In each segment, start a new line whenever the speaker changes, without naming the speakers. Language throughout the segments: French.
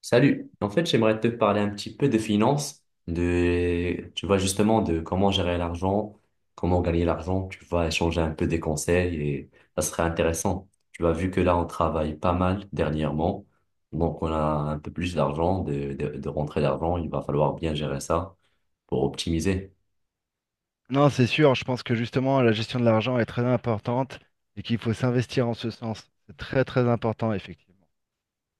Salut. En fait, j'aimerais te parler un petit peu de finances, de, tu vois, justement, de comment gérer l'argent, comment gagner l'argent, tu vois, échanger un peu des conseils et ça serait intéressant. Tu vois, vu que là, on travaille pas mal dernièrement, donc on a un peu plus d'argent, de rentrée d'argent, il va falloir bien gérer ça pour optimiser.
Non, c'est sûr, je pense que justement la gestion de l'argent est très importante et qu'il faut s'investir en ce sens. C'est très très important, effectivement.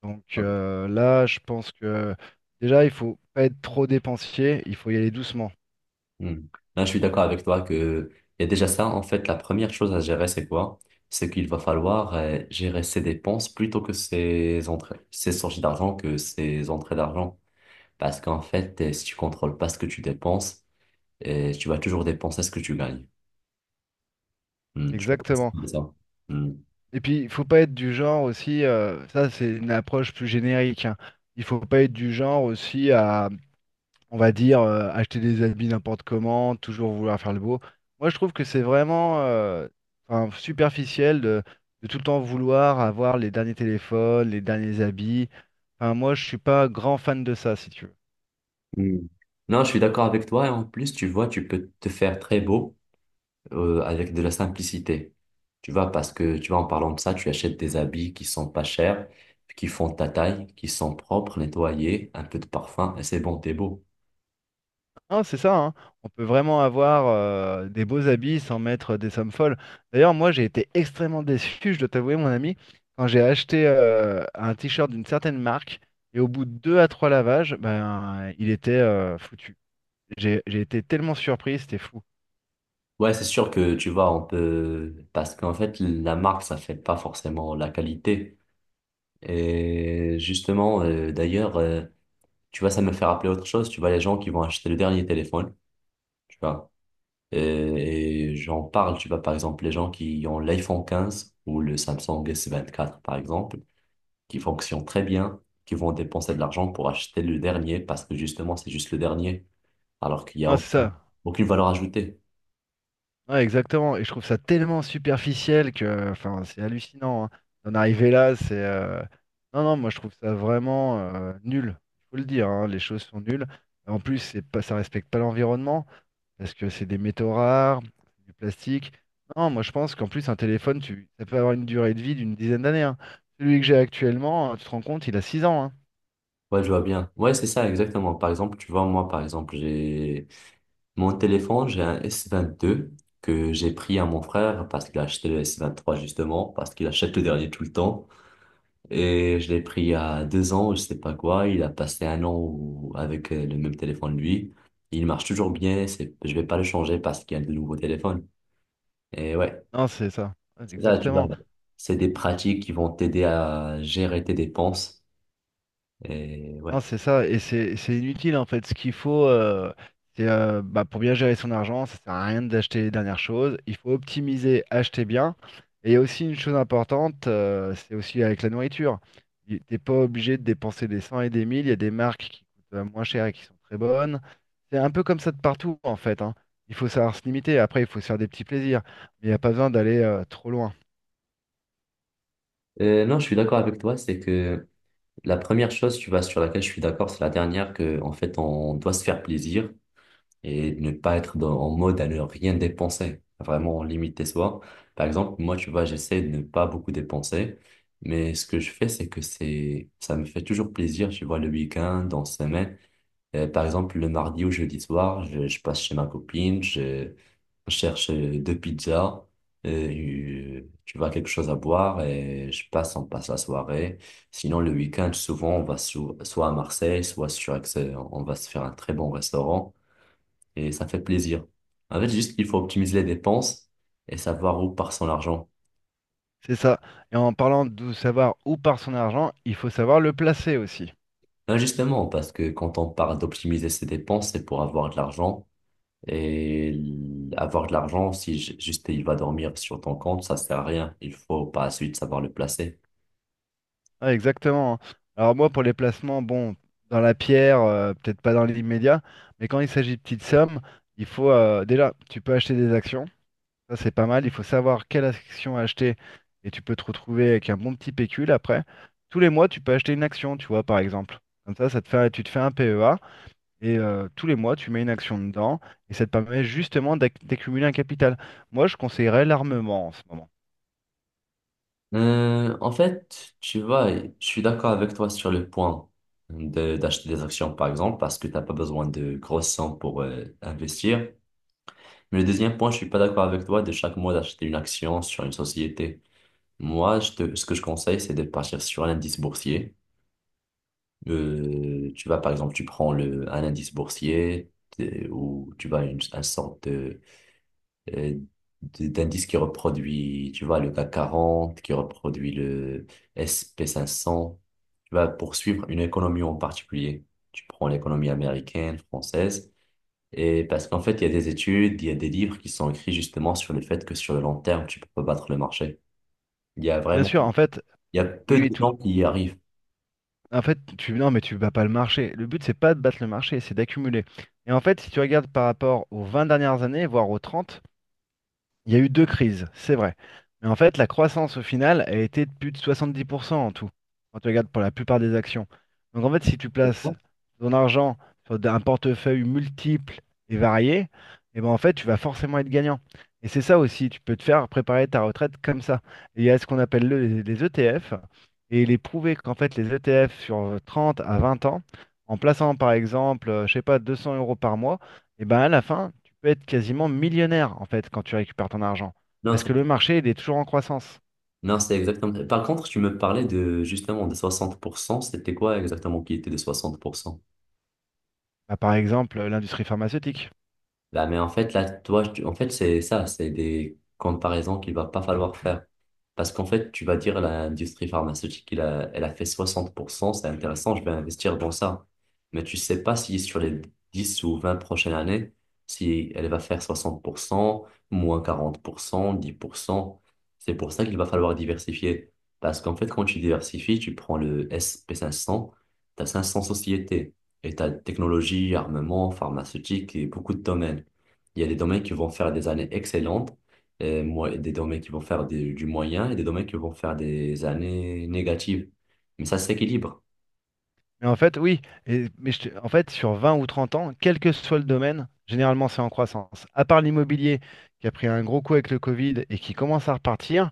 Là, je pense que déjà, il faut pas être trop dépensier, il faut y aller doucement.
Hmm. Là, je suis d'accord avec toi que il y a déjà ça. En fait, la première chose à gérer, c'est quoi? C'est qu'il va falloir gérer ses dépenses plutôt que ses entrées, ses sorties d'argent que ses entrées d'argent. Parce qu'en fait, si tu contrôles pas ce que tu dépenses, tu vas toujours dépenser ce que tu gagnes. Tu vas penser
Exactement.
comme ça. Hmm.
Et puis, il faut pas être du genre aussi, ça c'est une approche plus générique, hein. Il faut pas être du genre aussi à, on va dire, acheter des habits n'importe comment, toujours vouloir faire le beau. Moi, je trouve que c'est vraiment enfin, superficiel de tout le temps vouloir avoir les derniers téléphones, les derniers habits. Enfin, moi, je suis pas grand fan de ça, si tu veux.
Hmm. Non, je suis d'accord avec toi. Et en plus, tu vois, tu peux te faire très beau, avec de la simplicité. Tu vois, parce que tu vois, en parlant de ça, tu achètes des habits qui sont pas chers, qui font ta taille, qui sont propres, nettoyés, un peu de parfum, et c'est bon, t'es beau.
Hein, c'est ça, hein. On peut vraiment avoir des beaux habits sans mettre des sommes folles. D'ailleurs, moi, j'ai été extrêmement déçu, je dois t'avouer, mon ami, quand j'ai acheté un t-shirt d'une certaine marque et au bout de deux à trois lavages, ben, il était foutu. J'ai été tellement surpris, c'était fou.
Ouais, c'est sûr que tu vois, on peut, parce qu'en fait, la marque, ça fait pas forcément la qualité. Et justement, d'ailleurs, tu vois, ça me fait rappeler autre chose. Tu vois, les gens qui vont acheter le dernier téléphone, tu vois, et, et j'en parle, tu vois, par exemple, les gens qui ont l'iPhone 15 ou le Samsung S24 par exemple, qui fonctionnent très bien, qui vont dépenser de l'argent pour acheter le dernier parce que justement, c'est juste le dernier, alors qu'il n'y a
Non, c'est
aucune,
ça.
aucune valeur ajoutée.
Ouais, exactement. Et je trouve ça tellement superficiel que, enfin, c'est hallucinant, hein. D'en arriver là, c'est. Non, non, moi je trouve ça vraiment nul. Il faut le dire, hein, les choses sont nulles. En plus, c'est pas, ça respecte pas l'environnement parce que c'est des métaux rares, c'est du plastique. Non, moi je pense qu'en plus un téléphone, tu, ça peut avoir une durée de vie d'une dizaine d'années, hein. Celui que j'ai actuellement, tu te rends compte, il a 6 ans, hein.
Ouais, je vois bien. Ouais, c'est ça, exactement. Par exemple, tu vois, moi, par exemple, j'ai mon téléphone, j'ai un S22 que j'ai pris à mon frère parce qu'il a acheté le S23 justement, parce qu'il achète le dernier tout le temps. Et je l'ai pris il y a 2 ans, je sais pas quoi. Il a passé un an avec le même téléphone lui. Il marche toujours bien. Je vais pas le changer parce qu'il y a de nouveaux téléphones. Et ouais,
Non, c'est ça. Ouais,
c'est ça, tu vois.
exactement.
C'est des pratiques qui vont t'aider à gérer tes dépenses. Et ouais.
Non, c'est ça, et c'est inutile en fait. Ce qu'il faut, c'est bah, pour bien gérer son argent, ça sert à rien d'acheter les dernières choses. Il faut optimiser, acheter bien. Et il y a aussi une chose importante, c'est aussi avec la nourriture. Tu n'es pas obligé de dépenser des cents et des mille. Il y a des marques qui coûtent moins cher et qui sont très bonnes. C'est un peu comme ça de partout en fait, hein. Il faut savoir se limiter. Après, il faut se faire des petits plaisirs, mais il n'y a pas besoin d'aller trop loin.
Non, je suis d'accord avec toi. C'est que la première chose, tu vois, sur laquelle je suis d'accord, c'est la dernière que, en fait, on doit se faire plaisir, et de ne pas être en mode à ne rien dépenser, à vraiment limiter soi. Par exemple, moi, tu vois, j'essaie de ne pas beaucoup dépenser, mais ce que je fais, c'est que c'est, ça me fait toujours plaisir, tu vois, le week-end, en semaine. Par exemple, le mardi ou jeudi soir, je passe chez ma copine, je cherche deux pizzas, tu vois, quelque chose à boire et je passe, on passe la soirée. Sinon, le week-end, souvent, on va soit à Marseille, soit sur Aix, on va se faire un très bon restaurant et ça fait plaisir. En fait, juste il faut optimiser les dépenses et savoir où part son argent.
C'est ça. Et en parlant de savoir où part son argent, il faut savoir le placer aussi.
Là, justement, parce que quand on parle d'optimiser ses dépenses, c'est pour avoir de l'argent. Et avoir de l'argent, si juste il va dormir sur ton compte, ça sert à rien. Il faut par la suite savoir le placer.
Ah, exactement, hein. Alors moi, pour les placements, bon, dans la pierre, peut-être pas dans l'immédiat, mais quand il s'agit de petites sommes, il faut déjà, tu peux acheter des actions, ça c'est pas mal, il faut savoir quelle action acheter et tu peux te retrouver avec un bon petit pécule après. Tous les mois, tu peux acheter une action, tu vois, par exemple. Comme ça te fait, tu te fais un PEA et tous les mois, tu mets une action dedans et ça te permet justement d'accumuler un capital. Moi, je conseillerais l'armement en ce moment.
En fait, tu vois, je suis d'accord avec toi sur le point d'acheter des actions, par exemple, parce que t'as pas besoin de grosses sommes pour investir. Mais le deuxième point, je suis pas d'accord avec toi de chaque mois d'acheter une action sur une société. Moi, ce que je conseille, c'est de partir sur un indice boursier. Tu vas, par exemple, tu prends un indice boursier ou tu vas un sorte euh, d'indice qui reproduit, tu vois, le CAC 40 qui reproduit le S&P 500. Tu vas poursuivre une économie en particulier. Tu prends l'économie américaine, française. Et parce qu'en fait, il y a des études, il y a des livres qui sont écrits justement sur le fait que sur le long terme, tu peux pas battre le marché. Il y a
Bien
vraiment,
sûr, en fait,
il y a peu de
oui, tout.
gens qui y arrivent.
En fait, tu non, mais tu bats pas le marché. Le but, c'est pas de battre le marché, c'est d'accumuler. Et en fait, si tu regardes par rapport aux 20 dernières années, voire aux 30. Il y a eu deux crises, c'est vrai. Mais en fait, la croissance au final a été de plus de 70% en tout, quand tu regardes pour la plupart des actions. Donc en fait, si tu places ton argent sur un portefeuille multiple et varié, et ben en fait, tu vas forcément être gagnant. Et c'est ça aussi, tu peux te faire préparer ta retraite comme ça. Et il y a ce qu'on appelle les ETF, et il est prouvé qu'en fait, les ETF sur 30 à 20 ans, en plaçant par exemple, je sais pas, 200 euros par mois, et ben à la fin, peux être quasiment millionnaire en fait quand tu récupères ton argent.
Non,
Parce
c'est
que le marché, il est toujours en croissance.
non, c'est exactement. Par contre, tu me parlais de justement des 60%. C'était quoi exactement qui était des 60%?
Bah, par exemple, l'industrie pharmaceutique.
Là, mais en fait, là, toi, en fait, c'est ça, c'est des comparaisons qu'il va pas falloir faire. Parce qu'en fait, tu vas dire l'industrie pharmaceutique, il a, elle a fait 60%, c'est intéressant, je vais investir dans ça. Mais tu sais pas si sur les 10 ou 20 prochaines années, si elle va faire 60%, moins 40%, 10%. C'est pour ça qu'il va falloir diversifier. Parce qu'en fait, quand tu diversifies, tu prends le S&P 500, tu as 500 sociétés. Et tu as technologie, armement, pharmaceutique et beaucoup de domaines. Il y a des domaines qui vont faire des années excellentes, et des domaines qui vont faire du moyen et des domaines qui vont faire des années négatives. Mais ça s'équilibre.
Mais en fait, oui, en fait, sur 20 ou 30 ans, quel que soit le domaine, généralement c'est en croissance. À part l'immobilier qui a pris un gros coup avec le Covid et qui commence à repartir,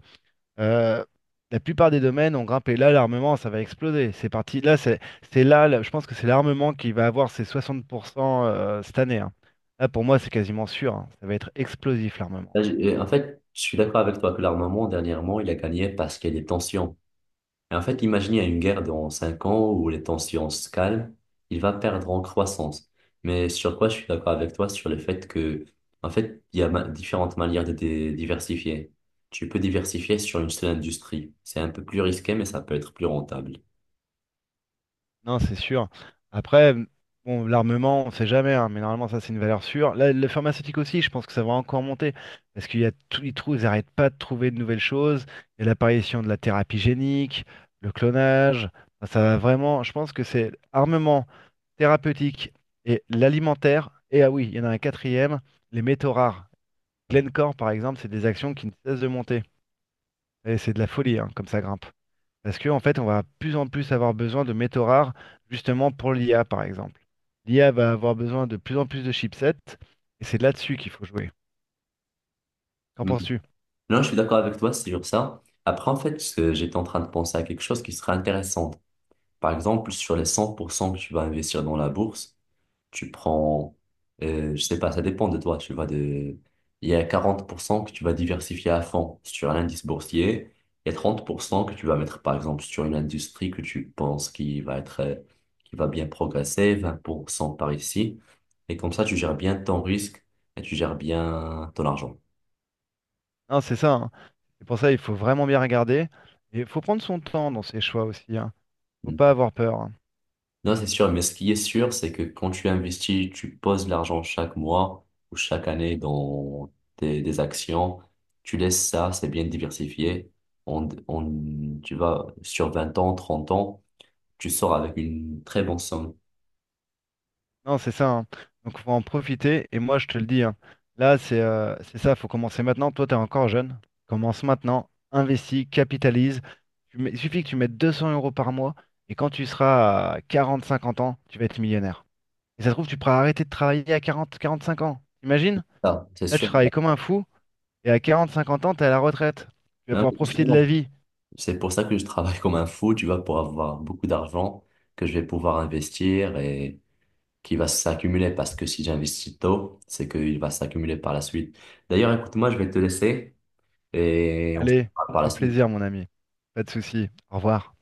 euh, la plupart des domaines ont grimpé. Là, l'armement, ça va exploser. C'est parti. Là, je pense que c'est l'armement qui va avoir ses 60% cette année, hein. Là, pour moi, c'est quasiment sûr, hein. Ça va être explosif, l'armement.
Là, en fait, je suis d'accord avec toi que l'armement, dernièrement, il a gagné parce qu'il y a des tensions. Et en fait, imaginez une guerre dans 5 ans où les tensions se calment, il va perdre en croissance. Mais sur quoi je suis d'accord avec toi, sur le fait que, en fait, il y a différentes manières de diversifier. Tu peux diversifier sur une seule industrie. C'est un peu plus risqué, mais ça peut être plus rentable.
Non, c'est sûr. Après, bon, l'armement, on ne sait jamais, hein, mais normalement, ça, c'est une valeur sûre. Là, le pharmaceutique aussi, je pense que ça va encore monter, parce qu'il y a tous les trous, ils n'arrêtent pas de trouver de nouvelles choses. Il y a l'apparition de la thérapie génique, le clonage. Enfin, ça va vraiment, je pense que c'est armement, thérapeutique et l'alimentaire. Et ah oui, il y en a un quatrième, les métaux rares. Glencore, par exemple, c'est des actions qui ne cessent de monter. Et c'est de la folie, hein, comme ça grimpe. Parce que, en fait, on va plus en plus avoir besoin de métaux rares, justement pour l'IA, par exemple. L'IA va avoir besoin de plus en plus de chipsets, et c'est là-dessus qu'il faut jouer. Qu'en
Mhm.
penses-tu?
Non, je suis d'accord avec toi sur ça. Après, en fait, j'étais en train de penser à quelque chose qui serait intéressant. Par exemple, sur les 100% que tu vas investir dans la bourse, tu prends, je sais pas, ça dépend de toi, il y a 40% que tu vas diversifier à fond sur un indice boursier, il y a 30% que tu vas mettre par exemple sur une industrie que tu penses qui va être, qui va bien progresser, 20% par ici, et comme ça tu gères bien ton risque et tu gères bien ton argent.
Non, c'est ça, hein. C'est pour ça il faut vraiment bien regarder. Et il faut prendre son temps dans ses choix aussi, hein. Faut
Hmm.
pas avoir peur, hein.
Non, c'est sûr, mais ce qui est sûr, c'est que quand tu investis, tu poses l'argent chaque mois ou chaque année dans des actions, tu laisses ça, c'est bien diversifié. Tu vas sur 20 ans, 30 ans, tu sors avec une très bonne somme.
Non, c'est ça, hein. Donc, faut en profiter. Et moi, je te le dis, hein, là, c'est ça. Faut commencer maintenant. Toi, t'es encore jeune. Commence maintenant. Investis, capitalise. Il suffit que tu mettes 200 euros par mois. Et quand tu seras à 40-50 ans, tu vas être millionnaire. Et ça se trouve, tu pourras arrêter de travailler à 40-45 ans. Imagine.
Ah, c'est
Là, tu
sûr.
travailles comme un fou. Et à 40-50 ans, t'es à la retraite. Tu vas
Non,
pouvoir
mais
profiter de la
justement,
vie.
c'est pour ça que je travaille comme un fou, tu vois, pour avoir beaucoup d'argent que je vais pouvoir investir et qui va s'accumuler parce que si j'investis tôt, c'est qu'il va s'accumuler par la suite. D'ailleurs, écoute-moi, je vais te laisser. Et on se
Allez,
parle par la
au
suite.
plaisir, mon ami. Pas de souci. Au revoir.